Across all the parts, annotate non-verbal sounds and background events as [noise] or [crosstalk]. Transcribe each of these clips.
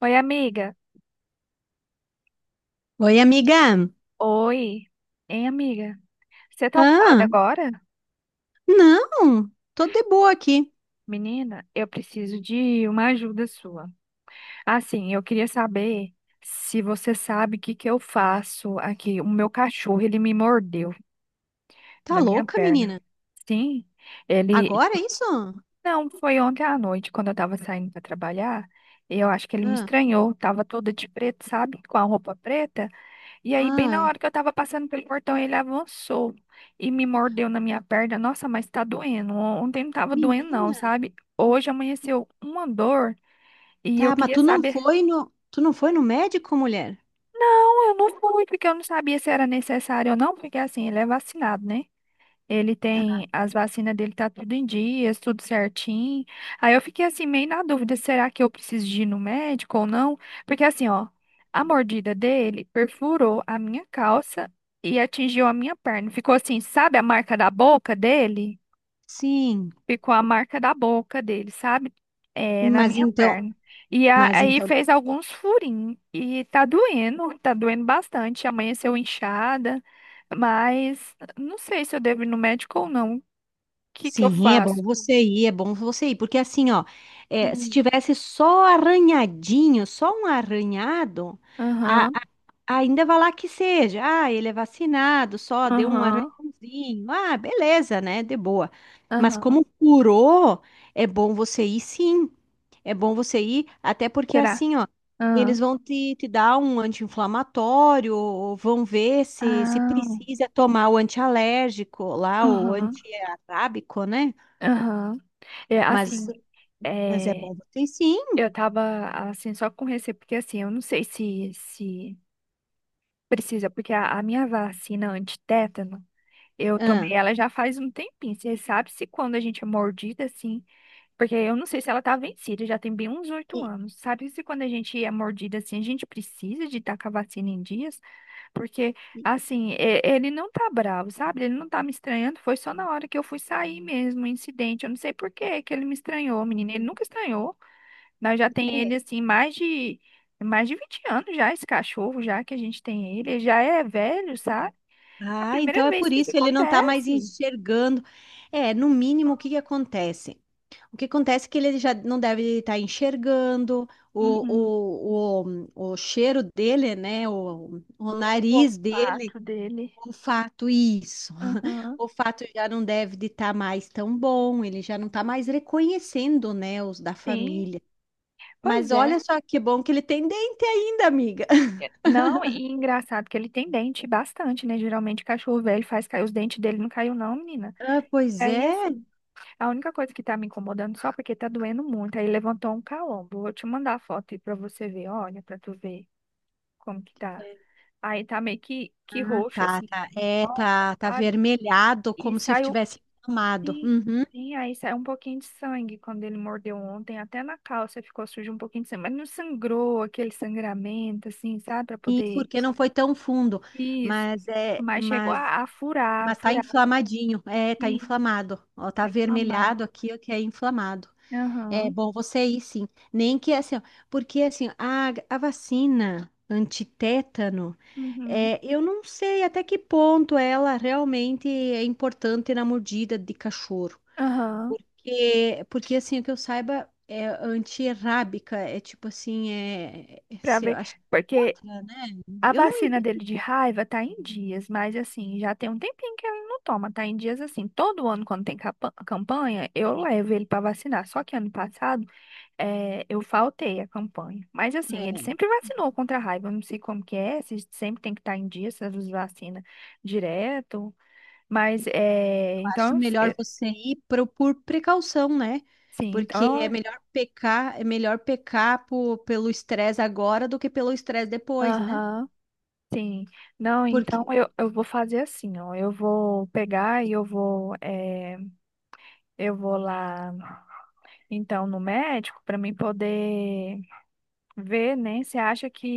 Oi, amiga. Oi, amiga. Oi. Hein, amiga? Você tá ocupada Ah, agora? não. Tô de boa aqui. Menina, eu preciso de uma ajuda sua. Assim, eu queria saber se você sabe o que que eu faço aqui. O meu cachorro, ele me mordeu Tá na minha louca, perna. menina? Sim, ele. Agora é isso? Não, foi ontem à noite, quando eu tava saindo para trabalhar. Eu acho que ele me Ah, estranhou. Tava toda de preto, sabe? Com a roupa preta. E aí, bem na ai, hora que eu tava passando pelo portão, ele avançou e me mordeu na minha perna. Nossa, mas tá doendo. Ontem não tava doendo, não, menina. sabe? Hoje amanheceu uma dor e eu Tá, mas queria tu não saber. foi no, tu não foi no médico, mulher? Não, eu não fui, porque eu não sabia se era necessário ou não, porque assim, ele é vacinado, né? Ele tem as vacinas dele, tá tudo em dias, tudo certinho. Aí eu fiquei assim, meio na dúvida, será que eu preciso de ir no médico ou não? Porque assim, ó, a mordida dele perfurou a minha calça e atingiu a minha perna. Ficou assim, sabe a marca da boca dele? Sim. Ficou a marca da boca dele, sabe? É, na Mas minha então, perna. E mas aí então fez alguns furinhos. E tá doendo, [laughs] tá doendo bastante. Amanheceu inchada, mas não sei se eu devo ir no médico ou não, que que eu Sim, é bom faço? você ir, é bom você ir, porque assim, ó, é, se Hum. tivesse só arranhadinho, só um arranhado, a- Aham, a- ainda vai lá que seja, ah, ele é vacinado, só deu um aham, arranhãozinho, ah, beleza, né, de boa. Mas aham. como curou, é bom você ir, sim. É bom você ir, até porque Será? assim, ó, Aham, eles vão te dar um anti-inflamatório, ou vão ver se, se ah, precisa tomar o antialérgico lá, o aham, antiarábico, né? aham. É, Mas, assim, mas é é, bom você ir, sim. eu tava, assim, só com receio, porque, assim, eu não sei se precisa, porque a minha vacina antitétano, eu tomei Ah, ela já faz um tempinho. Você sabe se quando a gente é mordida, assim, porque eu não sei se ela tá vencida, já tem bem uns oito e- anos. Sabe se quando a gente é mordida, assim, a gente precisa de estar com a vacina em dias? Porque, e- assim, ele não tá bravo, sabe? Ele não tá me estranhando. Foi só na hora que eu fui sair mesmo, o incidente. Eu não sei por que que ele me estranhou, menina. Ele uhum. nunca estranhou. Nós já tem ele, É. assim, mais de 20 anos já, esse cachorro, já que a gente tem ele. Ele já é velho, sabe? É a Ah, primeira então é vez por que isso isso ele não está mais acontece. enxergando. É, no mínimo, o que que acontece? O que acontece é que ele já não deve estar enxergando, Uhum. o cheiro dele, né? O O nariz dele, olfato dele. o olfato, isso. [laughs] Uhum. O olfato já não deve de estar mais tão bom, ele já não está mais reconhecendo, né, os da Sim. família. Pois Mas é. olha só que bom que ele tem dente ainda, amiga. [laughs] É, não, e engraçado que ele tem dente bastante, né? Geralmente cachorro velho faz cair os dentes dele, não caiu não, menina. Ah, pois Aí é. assim, a única coisa que tá me incomodando só porque tá doendo muito, aí levantou um calombo. Vou te mandar a foto aí pra você ver, olha, pra tu ver como que tá. Aí tá meio que Ah, roxo, tá, assim, tá tá. em É, volta, tá, tá sabe? avermelhado, E como se saiu, tivesse inflamado. e, Uhum. e aí saiu um pouquinho de sangue quando ele mordeu ontem, até na calça ficou sujo um pouquinho de sangue, mas não sangrou, aquele sangramento, assim, sabe, pra E poder. porque não foi tão fundo. Isso, Mas é, mas chegou mas a Mas tá furar, inflamadinho, é, tá sim, inflamado. Ó, tá tá inflamado. avermelhado aqui, ó, que é inflamado. É Aham, bom você ir, sim. Nem que assim, ó, porque assim, a vacina antitétano, uhum, é, eu não sei até que ponto ela realmente é importante na mordida de cachorro. aham, Porque assim, o que eu saiba é antirrábica, é tipo assim, pra ver. acho que é Porque outra, né? a Eu não vacina entendo. dele de raiva tá em dias, mas assim, já tem um tempinho que ele não toma, tá em dias assim. Todo ano, quando tem campanha, eu levo ele pra vacinar. Só que ano passado, eu faltei a campanha. Mas assim, ele É. sempre vacinou contra a raiva. Eu não sei como que é, se sempre tem que estar em dias, se as vacina direto. Mas, é, Acho então, eu se- melhor eh, você ir por precaução, né? sim, então, Porque eu. É melhor pecar pelo estresse agora do que pelo estresse depois, né? Aham. Sim, não, então Porque eu, vou fazer assim, ó. Eu vou pegar e eu vou, eu vou lá, então no médico para mim poder ver, né? Você acha que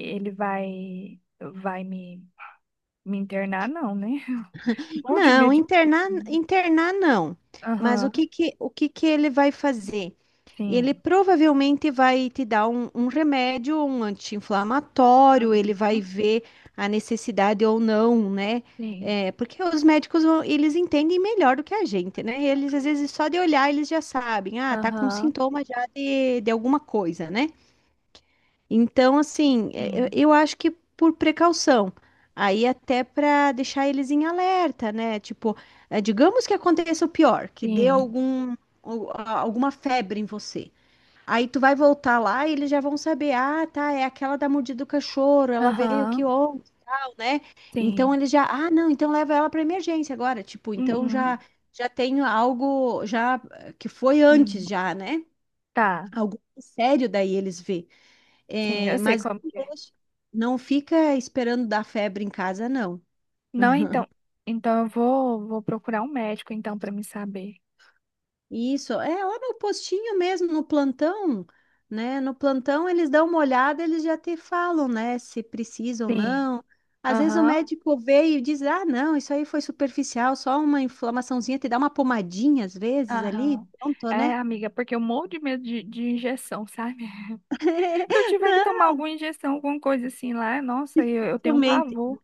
ele vai me, internar? Não, né? [laughs] Ou de não, medo de. internar, internar não. Mas o Aham, que que, o que que ele vai fazer? Ele sim. provavelmente vai te dar um remédio, um anti-inflamatório, ele vai Aham, ver a necessidade ou não, né? sim. É, porque os médicos, vão- eles entendem melhor do que a gente, né? Eles, às vezes, só de olhar, eles já sabem, ah, tá com Aham, sintoma já de alguma coisa, né? Então, assim, é, eu sim. eu acho que por precaução. Aí até para deixar eles em alerta, né? Tipo, é, digamos que aconteça o pior, que dê Sim. Alguma febre em você. Aí tu vai voltar lá e eles já vão saber, ah, tá, é aquela da mordida do cachorro, ela veio Aham, aqui ontem, tal, né? Então sim. eles já, ah, não, então leva ela para emergência agora, tipo, então já Uhum, já tem algo já que foi sim. antes já, né? Tá, Algo sério daí eles vê. sim, eu É, sei mas como que é. Não fica esperando dar febre em casa, não. Não, então, então eu vou, vou procurar um médico então para me saber. Isso, é lá no postinho mesmo, no plantão, né? No plantão eles dão uma olhada, eles já te falam, né? Se precisa ou Sim. não. Às vezes o Aham. médico vê e diz, ah, não, isso aí foi superficial, só uma inflamaçãozinha, te dá uma pomadinha às vezes ali, Aham. pronto, É, né? amiga, porque eu morro de medo de, injeção, sabe? [laughs] Se eu [laughs] tiver que Não, tomar alguma injeção, alguma coisa assim lá, nossa, eu, tenho um dificilmente, pavor.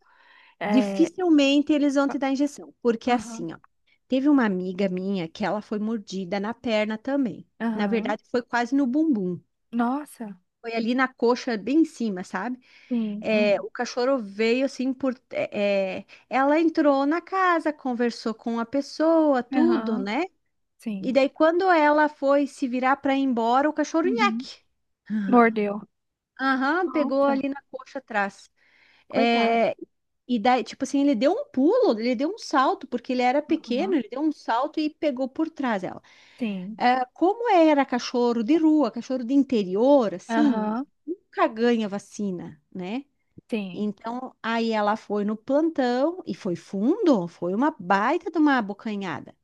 É. dificilmente eles vão te pa- dar injeção, porque Aham. assim, ó, teve uma amiga minha que ela foi mordida na perna também. Na Aham. verdade, foi quase no bumbum. Nossa. Foi ali na coxa, bem em cima, sabe? Sim. É, Hum, o cachorro veio assim por. Ela entrou na casa, conversou com a pessoa, tudo, aham. né? E Sim. daí, quando ela foi se virar para ir embora, o cachorro Uhum. nhaque. [laughs] Mordeu. Aham, pegou Nossa, ali na coxa atrás. coitado. É, e daí, tipo assim, ele deu um pulo, ele deu um salto, porque ele era pequeno, Aham. ele deu um salto e pegou por trás ela. Sim. É, como era cachorro de rua, cachorro de interior, assim, Aham. nunca ganha vacina, né? Sim. Então, aí ela foi no plantão e foi fundo, foi uma baita de uma abocanhada. [laughs]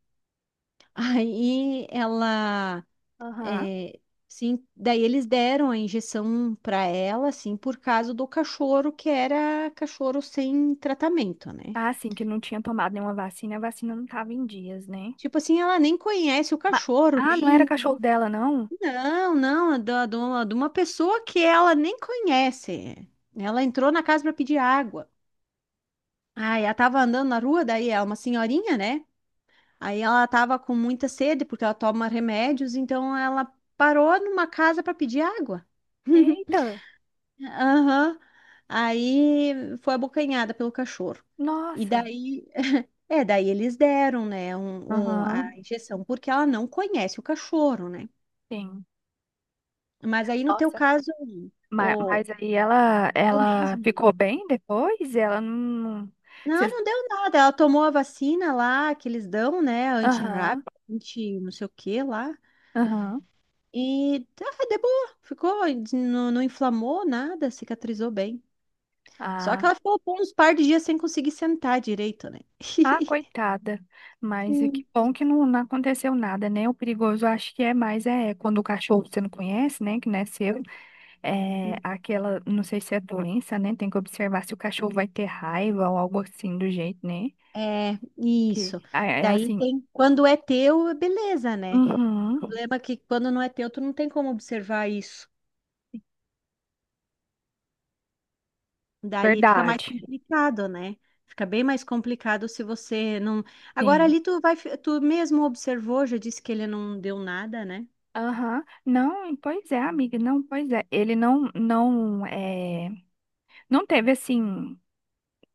Aí ela, Aham. é, sim, daí eles deram a injeção para ela, assim, por causa do cachorro que era cachorro sem tratamento, né? Ah, sim, que não tinha tomado nenhuma vacina, a vacina não tava em dias, né? Tipo assim, ela nem conhece o Ma- cachorro, Ah, não era nem. cachorro dela, não? Não, não, é de uma pessoa que ela nem conhece. Ela entrou na casa para pedir água. Aí ela tava andando na rua, daí é uma senhorinha, né? Aí ela estava com muita sede porque ela toma remédios, então ela parou numa casa para pedir água. [laughs] Eita. Aham. Aí foi abocanhada pelo cachorro. E Nossa. daí, [laughs] é, daí eles deram, né, a Aham. injeção, porque ela não conhece o cachorro, né? Sim. Mas aí no teu Nossa. caso, o, Mas aí ela, o mesmo, né? ficou bem depois? Ela não. Não, Cês- não deu nada. Ela tomou a vacina lá que eles dão, né? Aham, Anti-rábica, anti não sei o que lá. aham. E ah, de boa, ficou, não, não inflamou nada, cicatrizou bem. Só que Ah, ela ficou por uns par de dias sem conseguir sentar direito, né? ah, coitada. Mas é que Sim. bom que não, não aconteceu nada, né? O perigoso acho que é mais é quando o cachorro que você não conhece, né? Que não é seu. É aquela, não sei se é doença, né? Tem que observar se o cachorro vai ter raiva ou algo assim do jeito, né? É, Que isso. ah, é Daí assim. tem, quando é teu, é beleza, né? O Uhum, problema é que quando não é teu, tu não tem como observar isso. Daí fica mais verdade. complicado, né? Fica bem mais complicado se você não. Agora Sim. ali tu vai, tu mesmo observou, já disse que ele não deu nada, né? Aham, não, pois é, amiga, não, pois é. Ele não, não, é, não teve assim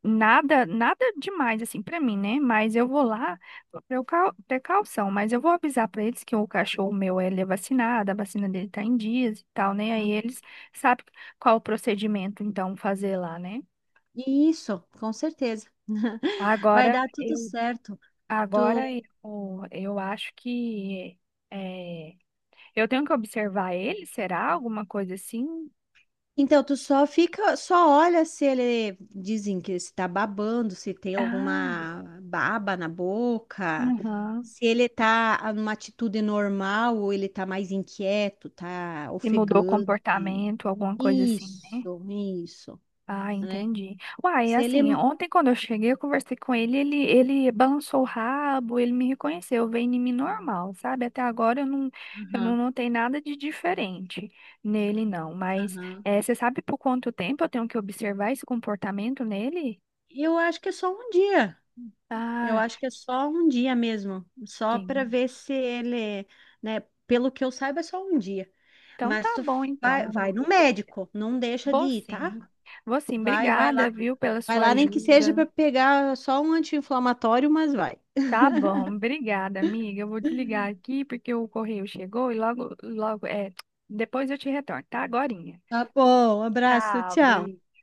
nada, nada demais assim pra mim, né? Mas eu vou lá por precaução, mas eu vou avisar pra eles que o cachorro meu ele é vacinado, a vacina dele tá em dias e tal, né? Aí Hum. eles sabem qual o procedimento então fazer lá, né? Isso, com certeza. [laughs] Vai Agora dar tudo eu, certo. Tu... agora eu acho que é, eu tenho que observar ele, será alguma coisa assim? Então, tu só fica, só olha se ele dizem que se tá babando, se tem Ah. alguma baba na boca, Aham. se ele tá numa atitude normal ou ele tá mais inquieto, tá E mudou o ofegante. comportamento, alguma coisa assim, né? Isso, Ah, né? entendi. Uai, Se ele. assim, ontem quando eu cheguei, eu conversei com ele, balançou o rabo, ele me reconheceu, veio em mim normal, sabe? Até agora eu não Aham, notei nada de diferente nele, não. Mas aham. eh, você sabe por quanto tempo eu tenho que observar esse comportamento nele? Eu acho que é só um dia. Eu Ah, acho que é só um dia mesmo, só para sim. ver se ele, né? Pelo que eu saiba, é só um dia. Então tá Mas tu bom, vai, então, vai no amiga. médico, não deixa de Vou ir, tá? sim. Vou sim, Vai, obrigada, viu, pela vai sua lá, nem que seja ajuda. para pegar só um anti-inflamatório, mas vai. Tá bom, obrigada, amiga. Eu vou desligar aqui porque o correio chegou e logo, logo, é, depois eu te retorno, tá? Agorinha. Tá bom, abraço, Tchau, tchau. beijo.